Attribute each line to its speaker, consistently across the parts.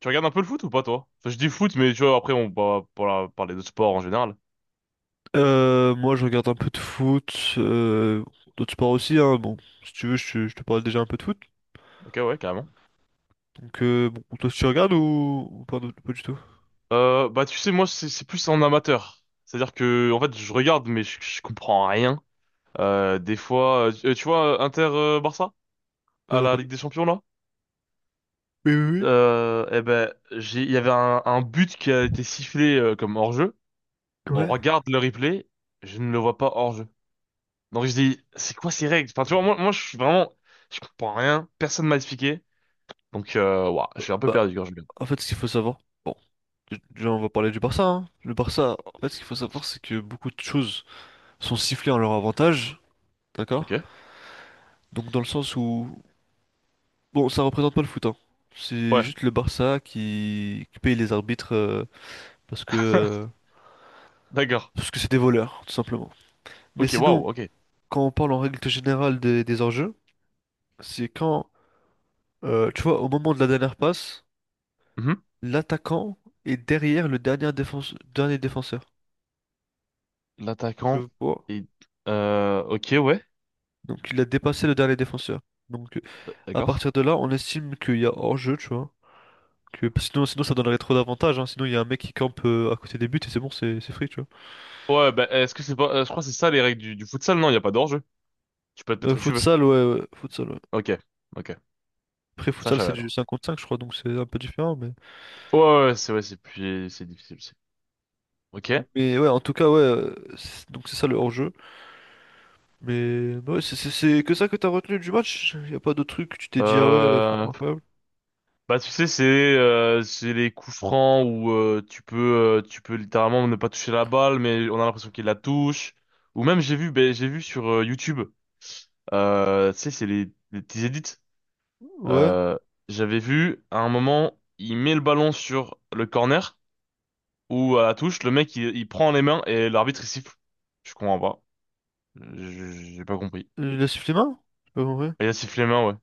Speaker 1: Tu regardes un peu le foot ou pas, toi? Enfin, je dis foot, mais tu vois, après, on va parler de sport en général.
Speaker 2: Moi, je regarde un peu de foot, d'autres sports aussi, hein. Bon, si tu veux, je te parle déjà un peu de foot.
Speaker 1: Ok, ouais, carrément.
Speaker 2: Donc, bon, toi, tu regardes ou pas, du pas du tout?
Speaker 1: Bah, tu sais, moi, c'est plus en amateur. C'est-à-dire que, en fait, je regarde, mais je comprends rien. Des fois, tu vois, Inter-Barça, à la
Speaker 2: Oui.
Speaker 1: Ligue des Champions, là?
Speaker 2: Oui, oui,
Speaker 1: Eh ben, il y avait un but qui a été sifflé, comme hors-jeu.
Speaker 2: oui.
Speaker 1: On
Speaker 2: Ouais.
Speaker 1: regarde le replay, je ne le vois pas hors-jeu. Donc, je dis, c'est quoi ces règles? Enfin, tu vois, moi, je suis vraiment, je comprends rien, personne m'a expliqué. Donc, ouah, je
Speaker 2: Euh,
Speaker 1: suis un peu
Speaker 2: Bah,
Speaker 1: perdu quand je regarde.
Speaker 2: En fait, ce qu'il faut savoir, bon, déjà, on va parler du Barça, hein. Le Barça, en fait, ce qu'il faut savoir, c'est que beaucoup de choses sont sifflées en leur avantage,
Speaker 1: Ok.
Speaker 2: d'accord? Donc, dans le sens où, bon, ça représente pas le foot, hein. C'est
Speaker 1: Ouais.
Speaker 2: juste le Barça qui paye les arbitres parce que euh,
Speaker 1: D'accord.
Speaker 2: parce que c'est des voleurs, tout simplement. Mais
Speaker 1: Ok,
Speaker 2: sinon,
Speaker 1: waouh, ok.
Speaker 2: quand on parle en règle générale des enjeux, c'est quand, tu vois, au moment de la dernière passe,
Speaker 1: Mhm.
Speaker 2: l'attaquant est derrière dernier défenseur.
Speaker 1: L'attaquant
Speaker 2: Je vois.
Speaker 1: est... Ok, ouais.
Speaker 2: Donc il a dépassé le dernier défenseur. Donc à
Speaker 1: D'accord.
Speaker 2: partir de là, on estime qu'il y a hors-jeu, tu vois. Que, sinon, sinon, ça donnerait trop d'avantages, hein. Sinon, il y a un mec qui campe à côté des buts et c'est bon, c'est free, tu vois.
Speaker 1: Ouais, bah, est-ce que c'est pas... je crois que c'est ça les règles du futsal, non? Il n'y a pas d'hors-jeu. Tu peux te mettre où tu veux.
Speaker 2: Ouais, futsal, ouais.
Speaker 1: Ok, ok.
Speaker 2: Après,
Speaker 1: Ça, je
Speaker 2: futsal,
Speaker 1: savais
Speaker 2: c'est du
Speaker 1: alors.
Speaker 2: 5 contre 5, je crois, donc c'est un peu différent. Mais,
Speaker 1: Ouais, ouais, ouais, c'est plus... c'est difficile aussi. Ok.
Speaker 2: mais ouais, en tout cas, ouais, donc c'est ça le hors-jeu. Mais bah ouais, c'est que ça que t'as retenu du match? Y a pas d'autres trucs que tu t'es dit, ah ouais, franchement
Speaker 1: Euh...
Speaker 2: incroyable.
Speaker 1: Bah, tu sais, c'est les coups francs où tu peux littéralement ne pas toucher la balle, mais on a l'impression qu'il la touche. Ou même, ben j'ai vu sur YouTube, tu sais, c'est les petits edits.
Speaker 2: Ouais.
Speaker 1: Euh, J'avais vu à un moment, il met le ballon sur le corner ou à la touche, le mec il prend les mains et l'arbitre il siffle. Je comprends pas. Je- J'ai pas compris.
Speaker 2: Il a sifflé main? J'ai pas compris.
Speaker 1: Il a sifflé les mains, ouais.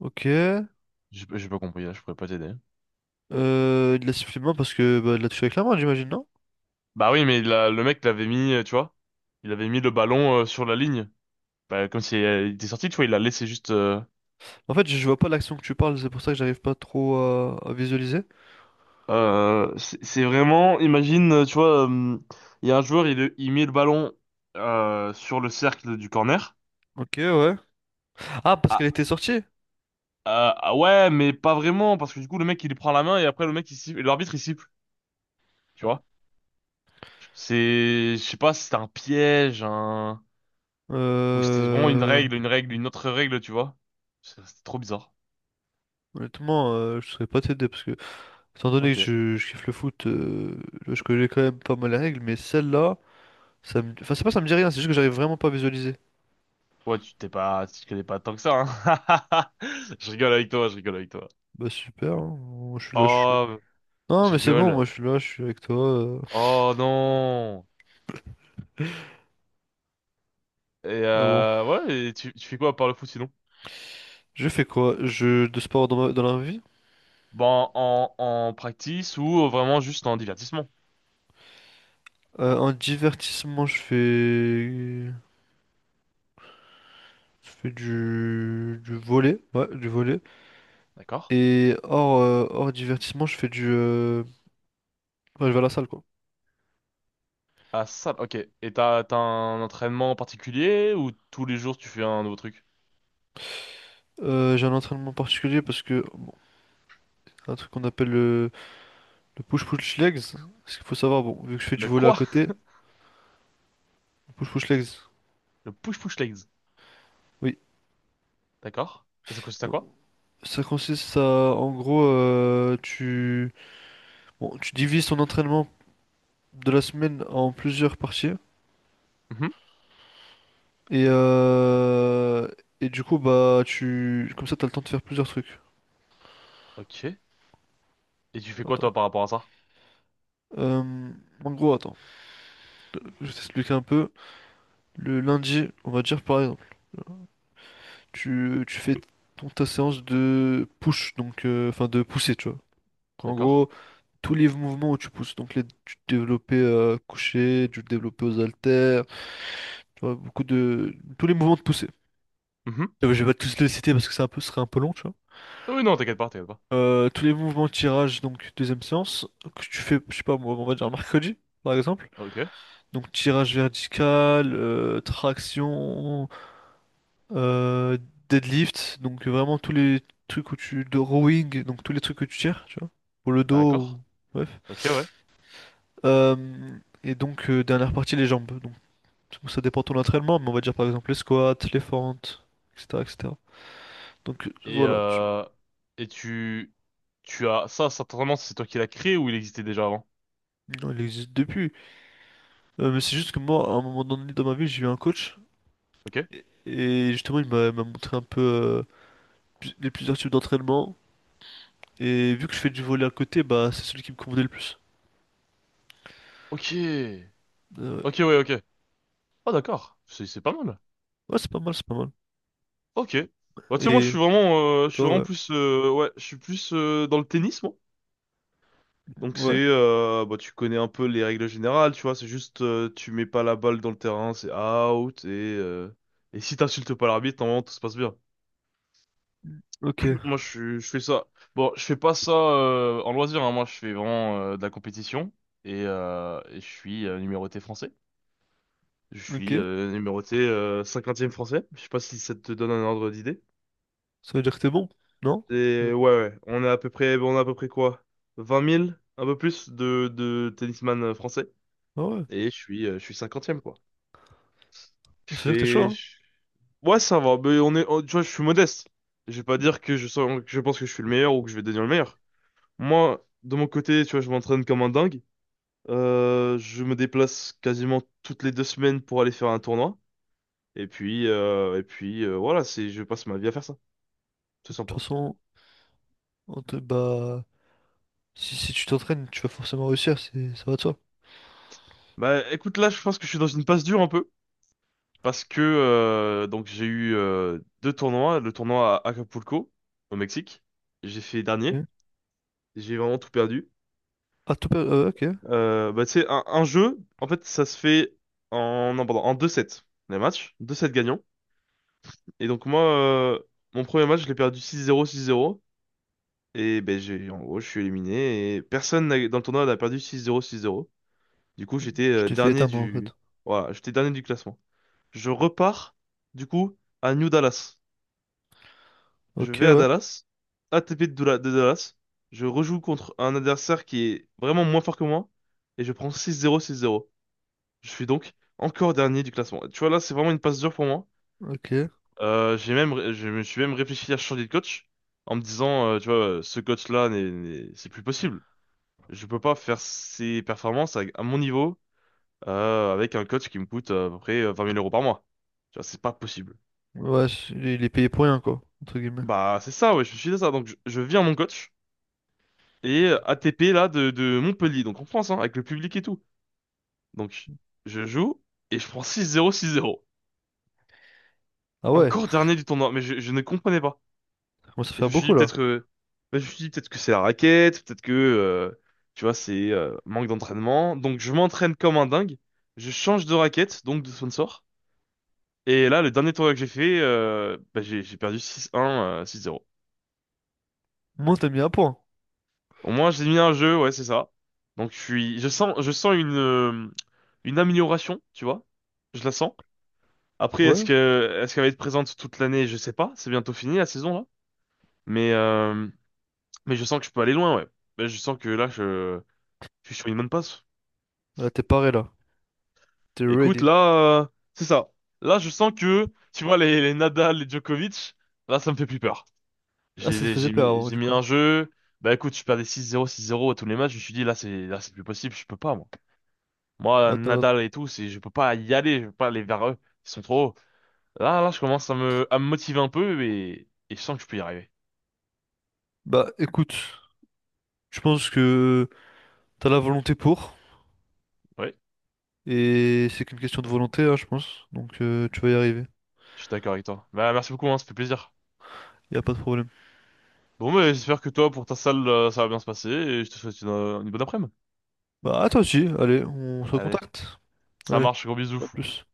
Speaker 2: Ok.
Speaker 1: J'ai pas compris, là, je pourrais pas t'aider.
Speaker 2: Il a sifflé main parce que bah, il l'a touché avec la main, j'imagine, non?
Speaker 1: Bah oui, mais le mec l'avait mis, tu vois, il avait mis le ballon, sur la ligne. Bah, comme si, il était sorti, tu vois, il l'a laissé juste. euh,
Speaker 2: En fait, je vois pas l'action que tu parles, c'est pour ça que j'arrive pas trop à visualiser.
Speaker 1: euh, c'est c'est vraiment, imagine, tu vois, il y a un joueur, il met le ballon, sur le cercle du corner.
Speaker 2: Ok, ouais. Ah, parce
Speaker 1: Ah,
Speaker 2: qu'elle était sortie?
Speaker 1: Ah ouais, mais pas vraiment, parce que du coup, le mec, il lui prend la main et après, le mec, il siffle, et l'arbitre, il siffle, tu vois. C'est, je sais pas, si c'était un piège, un... ou si c'était vraiment une
Speaker 2: Euh...
Speaker 1: règle, une autre règle, tu vois. C'était trop bizarre.
Speaker 2: Honnêtement, je saurais pas t'aider parce que, étant donné que
Speaker 1: Ok.
Speaker 2: je kiffe le foot, je connais quand même pas mal les règles, mais celle-là, ça me... Enfin, c'est pas ça me dit rien, c'est juste que j'arrive vraiment pas à visualiser.
Speaker 1: Ouais, tu te connais pas tant que ça, hein. Je rigole avec toi, je rigole avec toi.
Speaker 2: Bah super, hein. Moi, je suis là, je suis...
Speaker 1: Oh,
Speaker 2: Non
Speaker 1: je
Speaker 2: mais c'est bon,
Speaker 1: rigole.
Speaker 2: moi je suis là, je suis avec toi. euh.
Speaker 1: Oh non. Et
Speaker 2: Ah bon,
Speaker 1: euh, ouais, et tu fais quoi par le foot sinon?
Speaker 2: je fais quoi? Je... De sport dans, dans la vie?
Speaker 1: Bon, en practice ou vraiment juste en divertissement,
Speaker 2: En divertissement, je fais... Je fais du volley, ouais, du volley.
Speaker 1: d'accord?
Speaker 2: Et hors, hors divertissement, je fais du... Ouais, je vais à la salle quoi.
Speaker 1: Ah, ça, ok. Et t'as un entraînement particulier ou tous les jours tu fais un nouveau truc?
Speaker 2: J'ai un entraînement particulier parce que un truc qu'on appelle le push-push legs. Ce qu'il faut savoir, bon, vu que je fais du
Speaker 1: Le
Speaker 2: volley à
Speaker 1: quoi?
Speaker 2: côté, push-push legs.
Speaker 1: Le push-push legs.
Speaker 2: Oui.
Speaker 1: D'accord. Et ça consiste à
Speaker 2: Donc,
Speaker 1: quoi?
Speaker 2: ça consiste à, en gros, bon, tu divises ton entraînement de la semaine en plusieurs parties
Speaker 1: Mhm.
Speaker 2: et euh, et du coup bah tu comme ça t'as le temps de faire plusieurs trucs.
Speaker 1: Ok. Et tu fais quoi toi
Speaker 2: Attends.
Speaker 1: par rapport à ça?
Speaker 2: Euh, En gros, attends, je vais t'expliquer un peu. Le lundi, on va dire par exemple, tu fais ta séance de push, donc enfin de pousser, tu vois. En
Speaker 1: D'accord.
Speaker 2: gros, tous les mouvements où tu pousses, donc du développé couché, du développé aux haltères, tu vois, beaucoup de tous les mouvements de poussée.
Speaker 1: Mhm.
Speaker 2: Je vais pas tous les citer parce que c'est un peu, ce serait un peu long, tu vois.
Speaker 1: Oui, non, t'inquiète pas, t'inquiète pas.
Speaker 2: Tous les mouvements tirage, donc deuxième séance, que tu fais, je sais pas moi, on va dire mercredi, par exemple.
Speaker 1: Ok.
Speaker 2: Donc tirage vertical, traction, euh, deadlift, donc vraiment tous les trucs où tu... de rowing, donc tous les trucs que tu tires, tu vois, pour le dos, ou-
Speaker 1: D'accord.
Speaker 2: bref.
Speaker 1: Ok, ouais.
Speaker 2: Et donc dernière partie, les jambes. Donc ça dépend de ton entraînement, mais on va dire par exemple les squats, les fentes, etc., etc. Donc
Speaker 1: Et
Speaker 2: voilà, tu...
Speaker 1: euh... Et tu... Tu as... Ça, cet entraînement, c'est toi qui l'as créé ou il existait déjà avant?
Speaker 2: Non, il existe depuis. Mais c'est juste que moi, à un moment donné dans ma vie, j'ai eu un coach.
Speaker 1: Ok.
Speaker 2: Et justement, il m'a m'a montré un peu les plusieurs types d'entraînement. Et vu que je fais du volley à côté, bah c'est celui qui me convenait le plus.
Speaker 1: Ok.
Speaker 2: Ouais,
Speaker 1: Ok, ouais, ok. Ah, d'accord. C'est pas mal.
Speaker 2: ouais, c'est pas mal, c'est pas mal.
Speaker 1: Ok. Bah, tu sais, moi,
Speaker 2: Et,
Speaker 1: je suis vraiment...
Speaker 2: et
Speaker 1: je suis vraiment
Speaker 2: toi, ouais.
Speaker 1: plus... ouais, je suis plus dans le tennis, moi. Donc
Speaker 2: Ouais,
Speaker 1: bah, tu connais un peu les règles générales, tu vois, c'est juste, tu mets pas la balle dans le terrain, c'est out, euh, et si t'insultes pas l'arbitre, normalement tout se passe bien.
Speaker 2: ok,
Speaker 1: Moi je fais ça. Bon, je fais pas ça, en loisir, hein. Moi je fais vraiment, de la compétition, et je suis, numéroté français. Je suis
Speaker 2: ok.
Speaker 1: euh, numéroté, 50 français, je sais pas si ça te donne un ordre d'idée.
Speaker 2: Ça veut dire que t'es bon, non?
Speaker 1: Et ouais, ouais, on est à peu près quoi? 20 000 un peu plus de tennisman français,
Speaker 2: Ah ouais,
Speaker 1: et je suis cinquantième quoi. Je
Speaker 2: ça veut dire que t'es chaud,
Speaker 1: fais...
Speaker 2: hein?
Speaker 1: je- Ouais, ça va. Mais tu vois, je suis modeste. Je vais pas
Speaker 2: De
Speaker 1: dire que que je pense que je suis le meilleur ou que je vais devenir le meilleur. Moi, de mon côté, tu vois, je m'entraîne comme un dingue. Je me déplace quasiment toutes les deux semaines pour aller faire un tournoi. Et puis, voilà, c'est... je passe ma vie à faire ça. C'est
Speaker 2: toute
Speaker 1: sympa.
Speaker 2: façon, En te- bah, si, si tu t'entraînes, tu vas forcément réussir, c'est, ça va de soi.
Speaker 1: Bah écoute, là, je pense que je suis dans une passe dure un peu. Parce que, donc j'ai eu, deux tournois. Le tournoi à Acapulco, au Mexique. J'ai fait dernier.
Speaker 2: Ok.
Speaker 1: J'ai vraiment tout perdu.
Speaker 2: Ah, ok.
Speaker 1: Bah, tu sais, un jeu, en fait, ça se fait non, pardon, en deux sets les matchs. Deux sets gagnants. Et donc, moi, mon premier match, je l'ai perdu 6-0, 6-0. Et ben, en gros, je suis éliminé. Et personne dans le tournoi n'a perdu 6-0, 6-0. Du coup, j'étais
Speaker 2: Je
Speaker 1: euh,
Speaker 2: t'ai fait
Speaker 1: dernier
Speaker 2: éteindre en fait.
Speaker 1: voilà, j'étais dernier du classement. Je repars, du coup, à New Dallas. Je
Speaker 2: Ok,
Speaker 1: vais à
Speaker 2: ouais,
Speaker 1: Dallas, ATP de Dallas. Je rejoue contre un adversaire qui est vraiment moins fort que moi. Et je prends 6-0, 6-0. Je suis donc encore dernier du classement. Tu vois, là, c'est vraiment une passe dure pour moi.
Speaker 2: ok.
Speaker 1: Je me suis même réfléchi à changer de coach en me disant, tu vois, ce coach-là, c'est plus possible. Je peux pas faire ses performances à mon niveau, avec un coach qui me coûte, à peu près, 20 000 euros par mois. Tu vois, c'est pas possible.
Speaker 2: Ouais, il est payé pour rien, quoi, entre guillemets.
Speaker 1: Bah, c'est ça, ouais, je suis de ça. Donc, je viens mon coach et ATP, là, de Montpellier, donc en France, hein, avec le public et tout. Donc, je joue et je prends 6-0, 6-0.
Speaker 2: Ah ouais,
Speaker 1: Encore dernier du tournoi, mais je ne comprenais pas.
Speaker 2: ça commence à
Speaker 1: Et
Speaker 2: faire beaucoup là.
Speaker 1: je me suis dit peut-être que c'est la raquette, peut-être que, tu vois, c'est manque d'entraînement. Donc je m'entraîne comme un dingue. Je change de raquette, donc de sponsor. Et là, le dernier tournoi que j'ai fait, bah, j'ai perdu 6-1 , 6-0.
Speaker 2: Moi, t'as mis un point.
Speaker 1: Au moins, j'ai mis un jeu, ouais, c'est ça. Donc je sens une amélioration, tu vois. Je la sens. Après,
Speaker 2: Ouais,
Speaker 1: est-ce qu'elle va être présente toute l'année? Je sais pas. C'est bientôt fini la saison là. Mais, euh, mais je sens que je peux aller loin, ouais. Mais je sens que là, je suis sur une bonne passe.
Speaker 2: là, t'es paré là. T'es
Speaker 1: Écoute,
Speaker 2: ready.
Speaker 1: là, c'est ça. Là, je sens que, tu vois, les Nadal, les Djokovic, là, ça me fait plus peur.
Speaker 2: Ah, ça te
Speaker 1: J'ai,
Speaker 2: faisait
Speaker 1: j'ai
Speaker 2: peur
Speaker 1: mis,
Speaker 2: avant,
Speaker 1: j'ai
Speaker 2: du
Speaker 1: mis
Speaker 2: coup.
Speaker 1: un jeu. Bah écoute, je perdais 6-0, 6-0 à tous les matchs. Je me suis dit, là, c'est plus possible. Je peux pas, moi. Moi,
Speaker 2: Bah, t'as raison.
Speaker 1: Nadal et tout, je peux pas y aller. Je peux pas aller vers eux. Ils sont trop hauts. Là, je commence à me motiver un peu et je sens que je peux y arriver.
Speaker 2: Bah, écoute, je pense que t'as la volonté pour.
Speaker 1: Ouais,
Speaker 2: Et c'est qu'une question de volonté, hein, je pense. Donc, tu vas y arriver.
Speaker 1: je suis d'accord avec toi. Bah, merci beaucoup, hein, ça fait plaisir.
Speaker 2: Y a pas de problème.
Speaker 1: Bon, mais j'espère que toi, pour ta salle, ça va bien se passer et je te souhaite une bonne après-midi.
Speaker 2: Bah, à toi aussi, allez, on se
Speaker 1: Allez,
Speaker 2: recontacte.
Speaker 1: ça
Speaker 2: Allez,
Speaker 1: marche, gros bisous.
Speaker 2: à plus.